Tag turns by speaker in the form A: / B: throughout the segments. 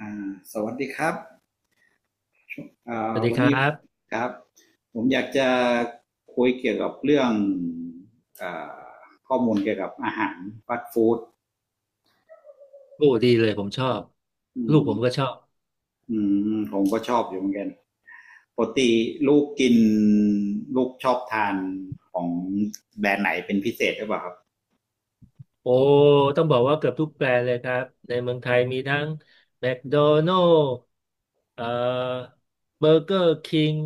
A: อ่าสวัสดีครับ
B: สวัสดี
A: วัน
B: ครั
A: นี้
B: บ
A: ครับผมอยากจะคุยเกี่ยวกับเรื่องอาข้อมูลเกี่ยวกับอาหารฟาสต์ฟู้ด
B: โอ้ดีเลยผมชอบ
A: อื
B: ลูก
A: ม
B: ผมก็ชอบ
A: อืมผมก็ชอบอยู่เหมือนกันปกติลูกกินลูกชอบทานของแบรนด์ไหนเป็นพิเศษหรือเปล่าครับ
B: โอ้ต้องบอกว่าเกือบทุกแบรนด์เลยครับในเมืองไทยมีทั้งแมคโดนัลด์เอ่อเบอร์เกอร์คิง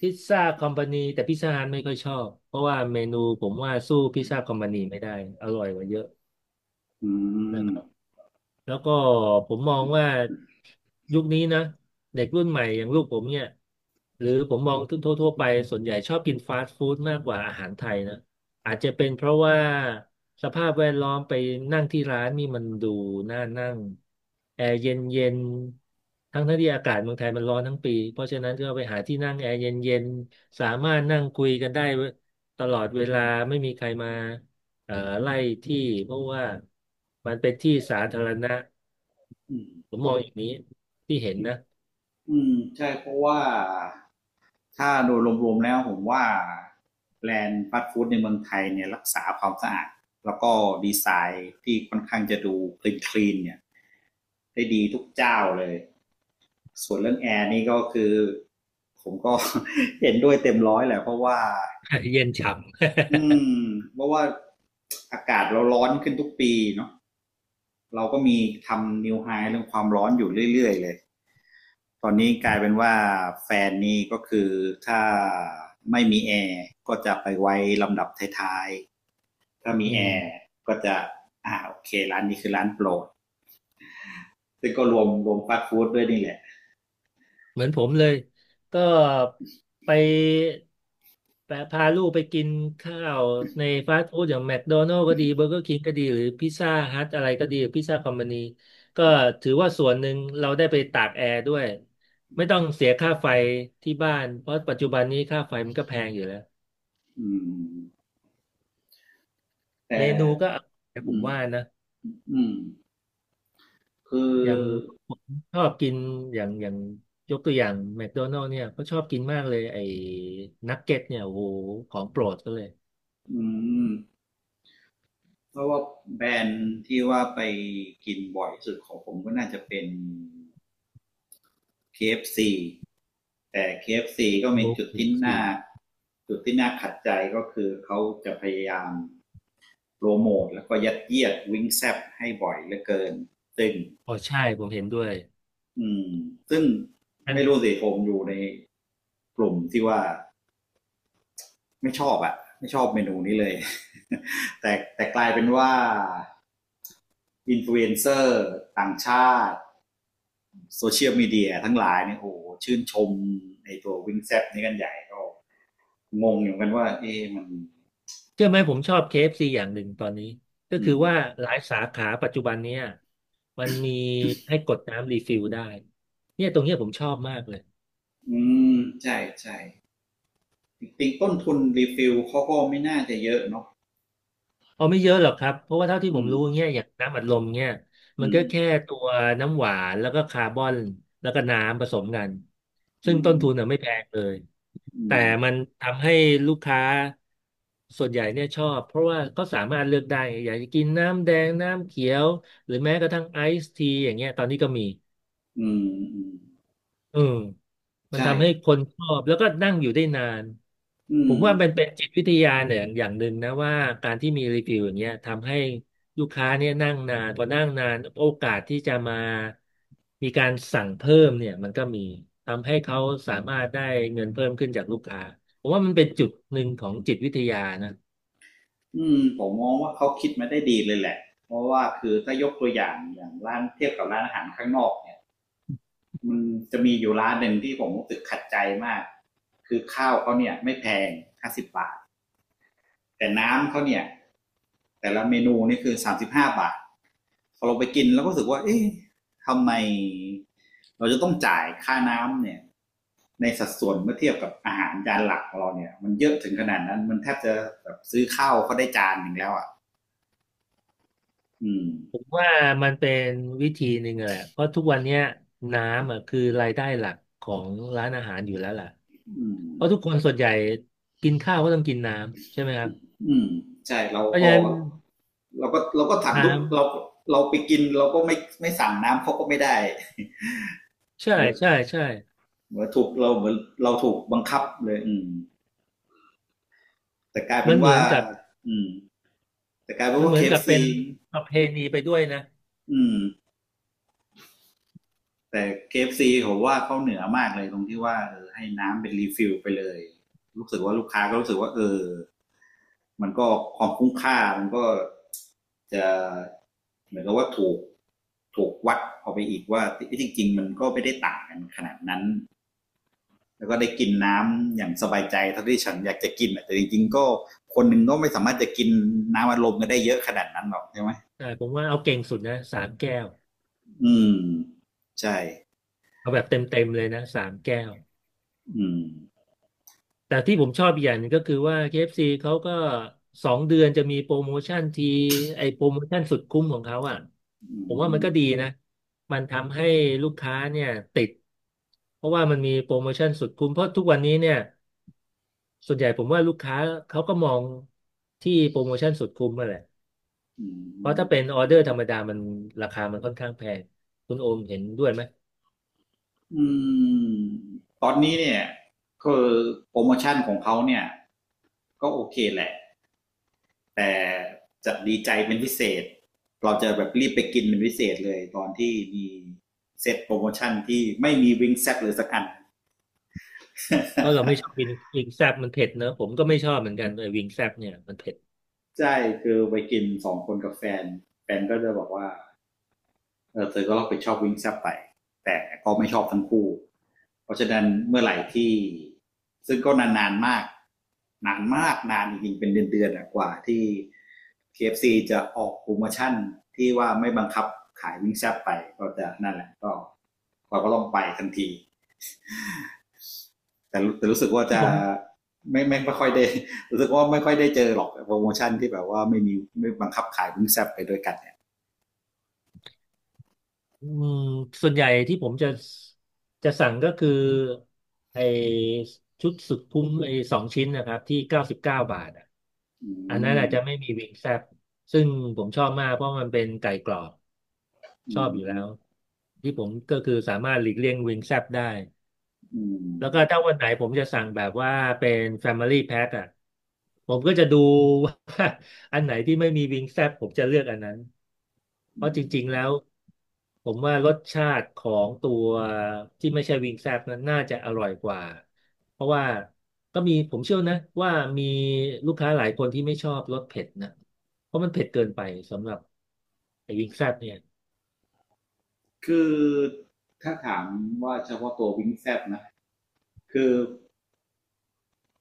B: พิซซ่าคอมพานีแต่พิซซ่าฮัทไม่ค่อยชอบเพราะว่าเมนูผมว่าสู้พิซซ่าคอมพานีไม่ได้อร่อยกว่าเยอะ
A: อื
B: นะ
A: ม
B: ครับ แล้วก็ผมมองว่ายุคนี้นะเด็กรุ่นใหม่อย่างลูกผมเนี่ยหรือผมมองทั่วๆไปส่วนใหญ่ชอบกินฟาสต์ฟู้ดมากกว่าอาหารไทยนะอาจจะเป็นเพราะว่าสภาพแวดล้อมไปนั่งที่ร้านนี่มันดูน่านั่งแอร์เย็นเย็นทั้งที่อากาศเมืองไทยมันร้อนทั้งปีเพราะฉะนั้นก็ไปหาที่นั่งแอร์เย็นเย็นสามารถนั่งคุยกันได้ตลอดเวลาไม่มีใครมา เอ่อไล่ที่เพราะว่ามันเป็นที่สาธารณะ
A: อืม
B: ผมมองอย่างนี้ที่เห็นนะ
A: อืมใช่เพราะว่า ถ้าโดยรวมๆแล้วผมว่าแบรนด์ฟาสต์ฟู้ดในเมืองไทยเนี่ยรักษาความสะอาดแล้วก็ดีไซน์ที่ค่อนข้างจะดูคลีน n เนี่ยได้ดีทุกเจ้าเลยส่วนเรื่องแอร์นี่ก็คือผมก็ เห็นด้วยเต็มร้อยแหละเพราะว่า
B: เย็นฉ่
A: อืมเพราะว่าอากาศเราร้อนขึ้นทุกปีเนาะเราก็มีทำนิวไฮเรื่องความร้อนอยู่เรื่อยๆเลย ตอนนี้กลายเป็นว่าแฟนนี่ก็คือถ้าไม่มีแอร์ก็จะไปไว้ลำดับท้ายๆ ถ้ามี
B: ำ
A: แอร์ก็จะอ่าโอเคร้านนี้คือร้านโปรดซึ่งก็รวมฟาสต์ฟู้ดด้วยนี่แหละ
B: เหมือนผมเลยก็ไปแปะพาลูกไปกินข้าวในฟาสต์ฟู้ดอย่างแม d โดนัล s ก็ดีเบอร์เกอร์คิงก็ดีหรือพิซซ่าฮัทอะไรก็ดีพิซซ่าคอมพานีก็ถือว่าส่วนหนึ่งเราได้ไปตากแอร์ด้วยไม่ต้องเสียค่าไฟที่บ้านเพราะปัจจุบันนี้ค่าไฟมันก็แพงอยู่แล้ว
A: อืมแต่
B: เมนูก็อร่อยผ
A: อื
B: ม
A: ม
B: ว่านะ
A: อืมคือ
B: อย่างผมชอบกินอย่างยกตัวอย่างแมคโดนัล s เนี่ยก็ชอบกินมากเลยไอ้นักเก็ตเนี่ยโอ้โหของโปรดก็เลย
A: อืมเพราะว่าแบรนด์ที่ว่าไปกินบ่อย่สุดของผมก็น่าจะเป็น KFC แต่ KFC ก็มี
B: โอ้เคฟซี
A: จุดที่น่าขัดใจก็คือเขาจะพยายามโปรโมทแล้วก็ยัดเยียดวิงแซบให้บ่อยเหลือเกินซึ่ง
B: อ๋อใช่ผมเห็นด้วย
A: อืมซึ่ง
B: นะ
A: ไม่รู้สิผมอยู่ในกลุ่มที่ว่าไม่ชอบเมนูนี้เลย แต่กลายเป็นว่าอินฟลูเอนเซอร์ต่างชาติโซเชียลมีเดียทั้งหลายเนี่ยโอ้โหชื่นชมในตัววิงแซบนี้กันใหญ่ก็ งงอยู่างกันว่าเอ๊ะมัน
B: เชื่อไหมผมชอบ KFC อฟซีอย่างหนึ่งตอนนี้ก็
A: อื
B: คือ
A: ม
B: ว่าหลายสาขาปัจจุบันเนี่ยมันมีให้กดน้ำรีฟิลได้เนี่ยตรงเนี้ยผมชอบมากเลย
A: อืมใช่ใช่จริงๆต้นทุนรีฟิลเขาก็ไม่น่าจะเยอะเนาะ
B: เอาไม่เยอะหรอกครับ เพราะว่าเท่าที่ผ
A: อื
B: ม
A: ม
B: รู้เนี่ยอย่างน้ำอัดลมเนี่ยมัน
A: อื
B: ก็
A: ม
B: แค่ตัวน้ำหวานแล้วก็คาร์บอนแล้วก็น้ำผสมกันซึ่
A: อื
B: งต้
A: ม
B: นทุนอ่ะไม่แพงเลย
A: อื
B: แต่
A: ม
B: มันทำให้ลูกค้าส่วนใหญ่เนี่ยชอบเพราะว่าก็สามารถเลือกได้อยากจะกินน้ำแดงน้ำเขียวหรือแม้กระทั่งไอซ์ทีอย่างเงี้ยตอนนี้ก็มี
A: อืมอืม
B: อืมมัน
A: ใช่
B: ทำให้คนชอบแล้วก็นั่งอยู่ได้นาน
A: อื
B: ผม
A: ม
B: ว่าเป็นจิตวิทยาเนี่ยอย่างหนึ่งนะว่าการที่มีรีวิวอย่างเงี้ยทำให้ลูกค้าเนี่ยนั่งนานพอนั่งนานโอกาสที่จะมามีการสั่งเพิ่มเนี่ยมันก็มีทำให้เขาสามารถได้เงินเพิ่มขึ้นจากลูกค้าผมว่ามันเป็นจุดหนึ่งของจิตวิทยานะ
A: อืมผมมองว่าเขาคิดมาได้ดีเลยแหละ เพราะว่าคือถ้ายกตัวอย่างอย่างร้านเทียบกับร้านอาหารข้างนอกเนี่ยมันจะมีอยู่ร้านหนึ่งที่ผมรู้สึกขัดใจมาก คือข้าวเขาเนี่ยไม่แพงห้าสิบบาท แต่น้ำเขาเนี่ยแต่ละเมนูนี่คือสามสิบห้าบาทพอเราไปกินเราก็รู้สึกว่าเอ๊ะทำไมเราจะต้องจ่ายค่าน้ำเนี่ยในสัดส่วนเมื่อเทียบกับอาหารจานหลักของเราเนี่ยมันเยอะถึงขนาดนั้นมันแทบจะแบบซื้อข้าวเขาได้จานหนึ่งแล้วอ่ะอืม
B: ผมว่ามันเป็นวิธีหนึ่งแหละเพราะทุกวันเนี้ยน้ำอ่ะคือรายได้หลักของร้านอาหารอยู่แล้วล่ะ
A: อืม
B: เพราะทุกคนส่วนใหญ่กินข้าวก็ต้องกินน้ำใช่ไหมครับ
A: อืมใช่
B: เพราะฉะนั้น
A: เราก็สั่งทุก
B: น้ำ
A: เราเราไปกินเราก็ไม่สั่งน้ำเขาก็ไม่ได้
B: ใช่
A: เหมือน
B: ใช่ใช่
A: เหมือนถูกเราเหมือนเราถูกบังคับเลยอืม แต่กลายเป็
B: มั
A: น
B: นเหมื
A: ว่า
B: อนกับ
A: อืมแต่กลายเป็น
B: มัน
A: ว่า
B: เหมื
A: เค
B: อน
A: เอ
B: กั
A: ฟ
B: บเป็น
A: ซี
B: ประเพณีไปด้วยนะ
A: อืมแต่เคเอฟซีผมว่าเขาเหนือมากเลยตรงที่ว่าเออให้น้ำเป็นรีฟิลไปเลยรู้สึกว่าลูกค้าก็รู้สึกว่าเออมันก็ความคุ้มค่ามันก็จะเหมือนกับว่าถูกวัดออกไปอีกว่าที่จริงๆมันก็ไม่ได้ต่างกันขนาดนั้นแล้วก็ได้กินน้ำอย่างสบายใจเท่าที่ฉันอยากจะกินแต่จริงๆก็คนหนึ่งก็ไม่สามารถจะกินน้ำอารมณ์กันได้เยอะขนาดนั้นหรอกใช่ไหม
B: อ่าผมว่าเอาเก่งสุดนะสามแก้ว
A: อืมใช่
B: เอาแบบเต็มเต็มเลยนะสามแก้ว
A: อืม
B: แต่ที่ผมชอบอีกอย่างหนึงก็คือว่า KFC เขาก็2 เดือนจะมีโปรโมชั่นทีไอโปรโมชั่นสุดคุ้มของเขาอ่ะ
A: อื
B: ผมว่ามั
A: ม
B: นก็ดีนะมันทำให้ลูกค้าเนี่ยติดเพราะว่ามันมีโปรโมชั่นสุดคุ้มเพราะทุกวันนี้เนี่ยส่วนใหญ่ผมว่าลูกค้าเขาก็มองที่โปรโมชั่นสุดคุ้มมาแหละ
A: อื
B: เพราะถ้าเป็น
A: ม
B: ออเดอร์ธรรมดามันราคามันค่อนข้างแพง คุณโอมเห็นด้วยไหม
A: อืมตอนนี้เนี่ยคือโปรโมชั่นของเขาเนี่ยก็โอเคแหละแต่จะดีใจเป็นพิเศษเราจะแบบรีบไปกินเป็นพิเศษเลยตอนที่มีเซตโปรโมชั่นที่ไม่มีวิงแซตเลยสักอัน
B: เพราะเราไม่ชอ บวิงแซบมันเผ็ดเนอะผมก็ไม่ชอบเหมือนกันไอ้วิงแซบเนี่ยมันเผ็ด
A: ใช่คือไปกินสองคนกับแฟนแฟนก็จะบอกว่า เออเธอก็รับผิดชอบวิ่งแซบไปแต่ก็ไม่ชอบทั้งคู่เพราะฉะนั้นเมื่อไหร่ที่ซึ่งก็นานๆมากนานจริงๆเป็นเดือนๆกว่าที่ KFC จะออกโปรโมชั่นที่ว่าไม่บังคับขายวิ่งแซบไปก็จะนั่นแหละก็เราก็ต้องไปทันทีแต่รู้สึกว่า
B: ที่
A: จะ
B: ผม
A: ไม่ค่อยได้ รู้สึกว่าไม่ค่อยได้เจอหรอกโปรโมชั่นที่แบบว่าไม่มีไม่บังคับขายวิ่งแซบไปด้วยกันเนี่ย
B: อืมส่วนใหญ่ที่ผมจะสั่งก็คือไอ้ชุดสุดคุ้มไอ้2 ชิ้นนะครับที่99 บาทอ่ะ
A: อื
B: อันนั้น
A: ม
B: อาจจะไม่มีวิงแซบซึ่งผมชอบมากเพราะมันเป็นไก่กรอบช
A: อื
B: อบอยู่แล้
A: ม
B: วที่ผมก็คือสามารถหลีกเลี่ยงวิงแซบได้
A: อื
B: แล้วก็
A: ม
B: ถ้าวันไหนผมจะสั่งแบบว่าเป็น Family Pack อ่ะผมก็จะดูว่าอันไหนที่ไม่มีวิงแซบผมจะเลือกอันนั้นเพ
A: อื
B: ราะจ
A: ม
B: ริงๆแล้วผมว่ารสชาติของตัวที่ไม่ใช่วิงแซบนั้นน่าจะอร่อยกว่าเพราะว่าก็มีผมเชื่อนะว่ามีลูกค้าหลายคนที่ไม่ชอบรสเผ็ดนะเพราะมันเผ็ดเกินไปสำหรับไอ้วิงแซบเนี่ย
A: คือถ้าถามว่าเฉพาะตัววิงแซบนะคือ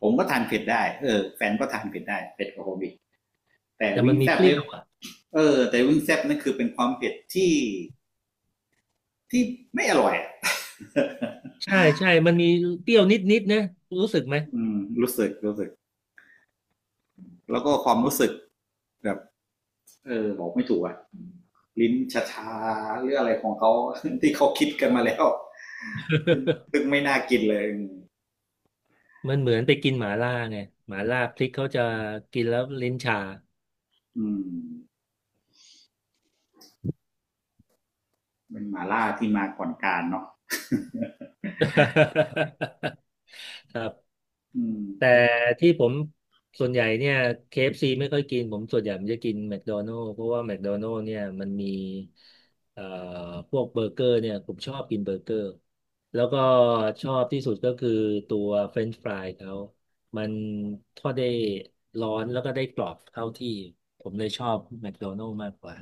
A: ผมก็ทานเผ็ดได้เออแฟนก็ทานเผ็ดได้เผ็ดกว่าผมอีกแต่
B: แต่
A: วิ
B: มั
A: ง
B: น
A: แซ
B: มี
A: บ
B: เปรี้
A: เนี่
B: ย
A: ย
B: วอ่ะ
A: เออแต่วิงแซบนั่นคือเป็นความเผ็ดที่ไม่อร่อยอ
B: ใช่ใช่มันมีเปรี้ยวนิดๆนะรู้สึกไหม
A: อืมรู้สึกแล้วก็ความรู้สึกแบบเออบอกไม่ถูกอะลิ้นชาชาหรืออะไรของเขา ที่เขาคิดกันมาแล้ว ซึ่งไม่น่ากินเลย
B: มันเหมือนไปกินหมาล่าไงหมาล่าพริกเขาจะกินแล้วลิ้นชา
A: อืมเป็นหมาล่าที่มาก่อนการเนาะ
B: ครับ
A: อื
B: แต่
A: ม
B: ที่ผมส่วนใหญ่เนี่ย KFC ไม่ค่อยกินผมส่วนใหญ่ผมจะกินแม d โดนัล s เพราะว่าแม d โดนัล s เนี่ยมันมีเอ่อพวกเบอร์เกอร์เนี่ยผมชอบกินเบอร์เกอร์แล้วก็ชอบที่สุดก็คือตัวเฟรนช์ฟรายเขามันทอดได้ร้อนแล้วก็ได้กรอบเข้าที่ผมเลยชอบแม d โดนัล s มากกว่า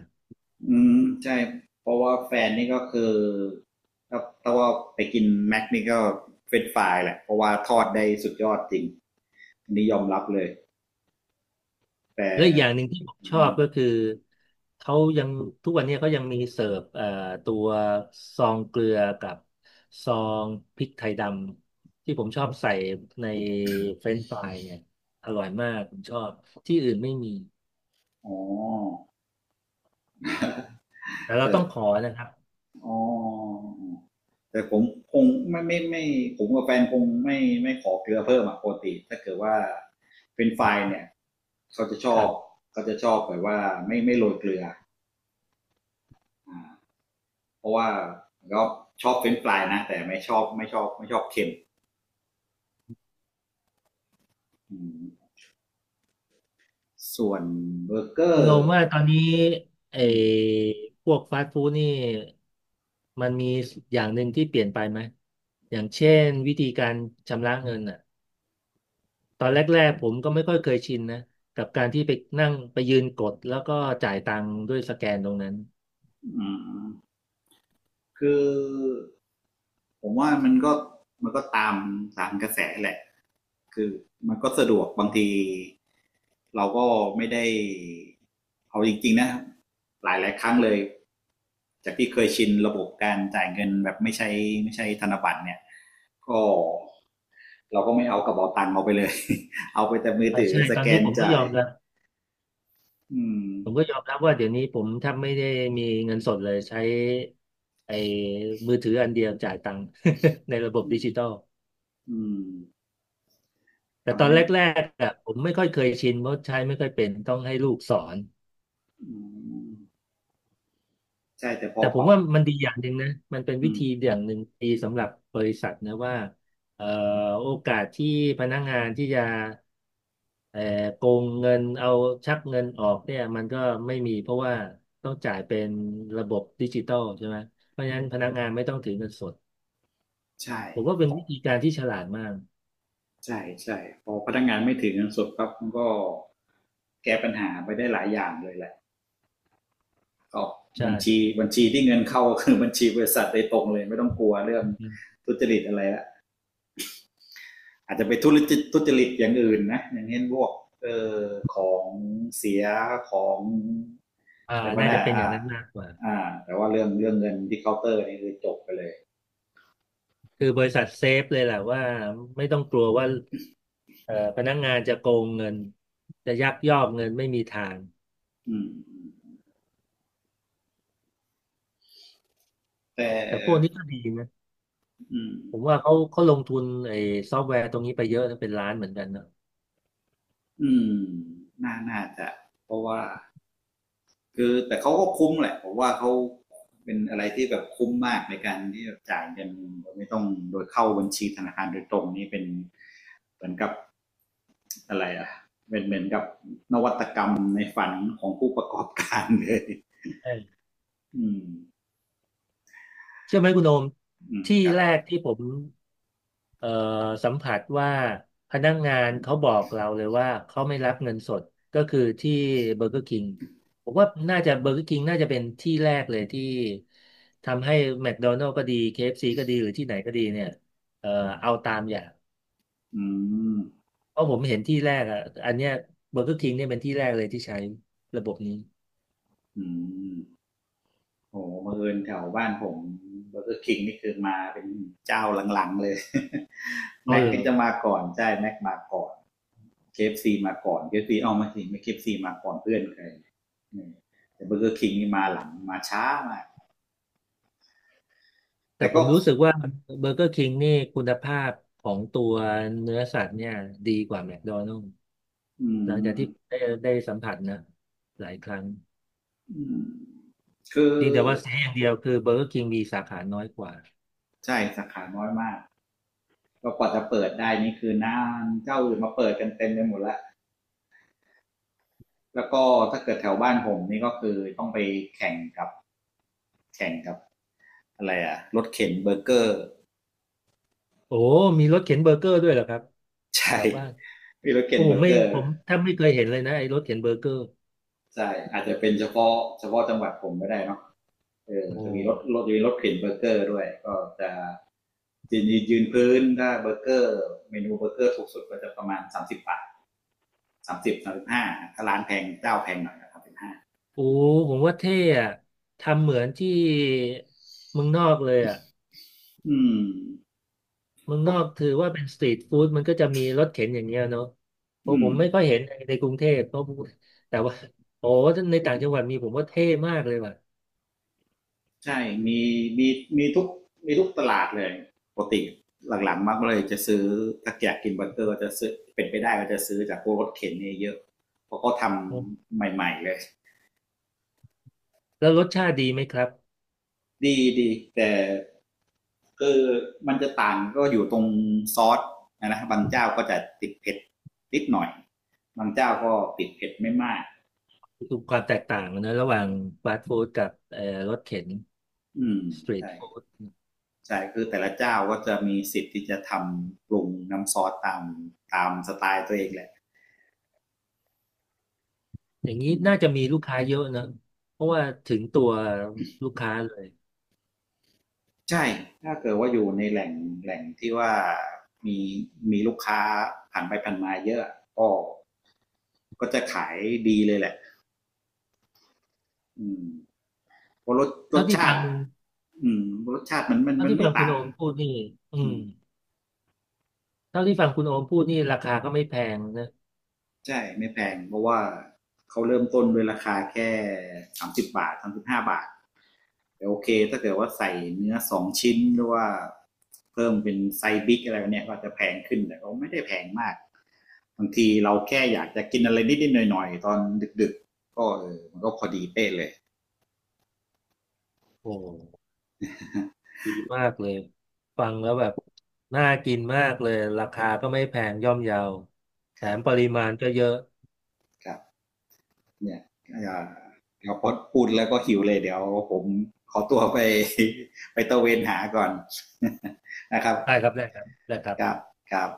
A: อืมใช่เพราะว่าแฟนนี่ก็คือถ้าว่าไปกินแม็กนี่ก็เฟรนช์ฟรายแหละเพราะว่าทอดได้สุดยอดจริงอันนี้ยอมรับเลยแต่
B: และอีกอย่างหนึ่งที่ผมชอ
A: อื
B: บ
A: ม
B: ก็คือเขายังทุกวันนี้เขายังมีเสิร์ฟตัวซองเกลือกับซองพริกไทยดำที่ผมชอบใส่ในเฟรนช์ฟรายเนี่ยอร่อยมากผมชอบที่อื่นไม่มี
A: อ๋อ
B: แต่เราต้องขอนะครับ
A: อ๋อแต่ผมคงไม่ผมกับแฟนคงไม่ขอเกลือเพิ่มอ่ะปกติถ้าเกิดว่าเป็นไฟล์เนี่ยเขาจะช
B: ค
A: อ
B: รั
A: บ
B: บ
A: เขาจะชอบแบบว่าไม่โรยเกลืออ่าเพราะว่าก็ชอบเป็นไฟล์นะแต่ไม่ชอบเค็มอืม ส่วนเบอร์เกอ
B: คุณโอม
A: ร์
B: ว่าตอนนี้ไอ้พวกฟาสต์ฟู้ดนี่มันมีอย่างหนึ่งที่เปลี่ยนไปไหมอย่างเช่นวิธีการชำระเงินอ่ะ ตอนแรกๆผมก็ไม่ค่อยเคยชินนะกับการที่ไปนั่งไปยืนกดแล้วก็จ่ายตังค์ด้วยสแกนตรงนั้น
A: คือผมว่ามันก็ตามตามกระแสแหละคือมันก็สะดวกบางทีเราก็ไม่ได้เอาจริงๆนะหลายๆครั้งเลยจากที่เคยชินระบบการจ่ายเงินแบบไม่ใช่ธนบัตรเนี่ยก็เราก็ไม่เอากระเป๋าตังค์เอาไปเลย เอาไปแต่มือ
B: เอา
A: ถือ
B: ใช่
A: ส
B: ตอน
A: แก
B: นี้
A: น
B: ผมก็
A: จ่า
B: ย
A: ย
B: อมรับ
A: อืม
B: ผมก็ยอมรับว่าเดี๋ยวนี้ผมแทบไม่ได้มีเงินสดเลยใช้ไอ้มือถืออันเดียวจ่ายตังค์ ในระบบดิจิตอล
A: อืม
B: แต่ต
A: ทำ
B: อน
A: ให้
B: แรกๆอะผมไม่ค่อยเคยชินเพราะใช้ไม่ค่อยเป็นต้องให้ลูกสอน
A: อืม ใช่แต่พอ
B: แต่ผ
A: ป
B: ม
A: รับ
B: ว่ามันดีอย่างหนึ่งนะมันเป็น
A: อื
B: วิ
A: ม
B: ธีอย่างหนึ่งดีสำหรับบริษัทนะว่าเอ่อโอกาสที่พนักงานที่จะเอ่อโกงเงินเอาชักเงินออกเนี่ยมันก็ไม่มีเพราะว่าต้องจ่ายเป็นระบบดิจิตอลใช่ไหมเพราะฉะนั้นพนักงานไม่ต้องถือเงินสด
A: ใช่
B: ผมว่า
A: ข
B: เป็น
A: อ
B: วิธี
A: ง
B: การที่ฉลาดมาก
A: ใช่ใช่พอพนักงานไม่ถือเงินสดครับมันก็แก้ปัญหาไปได้หลายอย่างเลยแหละก็
B: ใช่
A: บัญชีที่เงินเข้าก็ คือบัญชีบริษัทโดยตรงเลยไม่ต้องกลัวเรื่อง
B: อืม
A: ทุจริตอะไรละอาจจะไปทุจริตอย่างอื่นนะอย่างเช่นพวกเออของเสียของ
B: อ่า
A: อะไรพวก
B: น่า
A: นั้
B: จะ
A: น
B: เป็นอย่า
A: อ่า
B: งนั้นมากกว่า
A: อ่าแต่ว่าเรื่องเงินที่เคาน์เตอร์นี่คือจบไปเลย
B: คือบริษัทเซฟเลยแหละว่าไม่ต้องกลัวว่าพนักงานจะโกงเงินจะยักยอกเงินไม่มีทาง
A: อืมแต่
B: แต่พวกนี้ก็ดีนะ
A: อืม
B: ผมว่าเขาลงทุนไอ้ซอฟต์แวร์ตรงนี้ไปเยอะนะเป็นล้านเหมือนกันนะ
A: อืมน่าจะเพราะว่าคือแต่เขาก็คุ้มแหละผมว่าเขาเป็นอะไรที่แบบคุ้มมากในการที่แบบจ่ายเงินโดยไม่ต้องโดยเข้าบัญชีธนาคารโดยตรงนี่เป็นเหมือนกับอะไรอ่ะเป็นเหมือนกับนวัตกรรมในฝันของผู้ประกอบการเลย
B: ใช่
A: อืม
B: เชื่อไหมคุณโอม
A: อืม
B: ที่
A: ครับ
B: แรกที่ผมเอ่อสัมผัสว่าพนักงานเขาบอกเราเลยว่าเขาไม่รับเงินสดก็คือที่เบอร์เกอร์คิงผมว่าน่าจะเบอร์เกอร์คิงน่าจะเป็นที่แรกเลยที่ทำให้แม d โดนัล s ก็ดี KFC ก็ดีหรือที่ไหนก็ดีเนี่ยเอ่อเอาตามอย่าง
A: อืม
B: เพราะผมเห็นที่แรกอ่ะอันเนี้ยเบอร์เกอร์คิงเนี่ยเป็นที่แรกเลยที่ใช้ระบบนี้
A: อืม โอ้โหบังเอิญแถวบ้านผมเบอร์เกอร์คิงนี่คือมาเป็นเจ้าหลังๆเลย
B: อ๋อ
A: แม็ก
B: เหรอ
A: นี่จะมาก่อน ใช่แม็กมาก่อน เคเอฟซีมาก่อนเคเอฟซีเอามาสิไม่เคเอฟซีมาก่อนเพื่อนใครอืมแต่เบอร์เกอร์คิงนี่มาหลังมาช้ามาก
B: แต่
A: แต่
B: ผ
A: ก็
B: มรู้สึกว่าเบอร์เกอร์คิงนี่คุณภาพของตัวเนื้อสัตว์เนี่ยดีกว่าแม d โดนัล s
A: อื
B: หลังจาก
A: ม
B: ที่ได้สัมผัสนะหลายครั้ง
A: คือ
B: เพียงแต่ว่าเสียอย่างเดียวคือเบอร์เกอร์คิงมีสาขาน้อยกว่า
A: ใช่สาขาน้อยมากก็กว่าจะเปิดได้นี่คือนานเจ้าอื่นมาเปิดกันเต็มไปหมดแล้วแล้วก็ถ้าเกิดแถวบ้านผมนี่ก็คือต้องไปแข่งกับแข่งกับอะไรอะรถเข็นเบอร์เกอร์
B: โอ้มีรถเข็นเบอร์เกอร์ด้วยเหรอครับแถ
A: ใช่
B: วบ้าน
A: มีรถเข็
B: โอ้
A: นเบ
B: ผ
A: อ
B: ม
A: ร์
B: ไม่
A: เกอ
B: ผ
A: ร์
B: มถ้าไม่เคยเห็นเลยนะไอ้รถเข็นเบอร์เกอร์
A: ใช่อาจจะเป็นเฉพาะจังหวัดผมไม่ได้เนาะ เออ
B: โอ้
A: จะมีรถจะมีรถเข็นเบอร์เกอร์ด้วยก็จะยืนพื้นถ้าเบอร์เกอร์เมนูเบอร์เกอร์ถูกสุดก็จะประมาณสามสิบบาทสามสิบห้าถ้าร้านแพงเจ้าแพงหน่อยก็45
B: โอ้ผมว่าเท่อะทำเหมือนที่เมืองนอกเลยอะ
A: อืม
B: เมือง
A: ก็
B: นอกถือว่าเป็นสตรีทฟู้ดมันก็จะมีรถเข็นอย่างเงี้ยเนาะเพ
A: อื
B: ราะผ
A: ม
B: มไม่ค่อยเห็นในกรุงเทพเพราะแต่ว่าโอ้ในต่างจังหวัดมีผมว่าเท่มากเลยว่ะ
A: ใช่มีมีมีทุกตลาดเลยปกติหลังๆมักเลยจะซื้อถ้าอยากกินเบอร์เกอร์ก็จะซื้อเป็นไปได้ก็จะซื้อจากพวกรถเข็นเนี่ยเยอะเพราะเขาท
B: อืม
A: ำใหม่ๆเลย
B: แล้วรสชาติดีไหมครับ
A: ดีแต่คือมันจะต่างก็อยู่ตรงซอสนะบางเจ้าก็จะติดเผ็ดนิดหน่อยบางเจ้าก็ติดเผ็ดไม่มาก
B: ดูความแตกต่างนะระหว่างฟาสต์ฟู้ดกับรถเข็น
A: อืม
B: สตรีท
A: ใช่
B: ฟู้ด
A: ใช่คือแต่ละเจ้าก็จะมีสิทธิ์ที่จะทำปรุงน้ำซอสตามตามสไตล์ตัวเองแหละ
B: อย่างนี้
A: อืม
B: น่าจะมีลูกค้าเยอะนะเพราะว่าถึงตัวลูกค้าเลย
A: ใช่ถ้าเกิดว่าอยู่ในแหล่งที่ว่ามีมีลูกค้าผ่านไปผ่านมาเยอะก็ก็จะขายดีเลยแหละอืมเพราะรสร
B: เท่า
A: ส
B: ที่
A: ชา
B: ฟั
A: ติ
B: ง
A: อืมรสชาติมันมัน
B: เท่า
A: มัน
B: ที่ฟั
A: ไม่
B: งคุณ
A: ต่าง
B: โอมพูดนี่อื
A: อื
B: ม
A: ม
B: เท่าที่ฟังคุณโอมพูดนี่ราคาก็ไม่แพงนะ
A: ใช่ไม่แพงเพราะว่าเขาเริ่มต้นด้วยราคาแค่30 บาท 35 บาทแต่โอเคถ้าเกิดว่าใส่เนื้อ2 ชิ้นหรือว่าเพิ่มเป็นไซส์บิ๊กอะไรเนี่ยก็จะแพงขึ้นแต่ก็ไม่ได้แพงมากบางทีเราแค่อยากจะกินอะไรนิดๆหน่อยๆตอนดึกๆก็เออมันก็พอดีเป๊ะเลย
B: โอ้ ดีมากเลยฟังแล้วแบบน่ากินมากเลยราคาก็ไม่แพงย่อมเยาแถ
A: ครั
B: มป
A: บ
B: ริมาณก็เยอะ
A: ครับ เนี่ยอาจารย์เดี๋ยวพอพูดแล้วก็หิวเลยเดี๋ยวผมขอตัวไป ไปตะเวนหาก่อน นะครับ
B: ได้ครับได้ครับได้ครับ
A: ครับครับ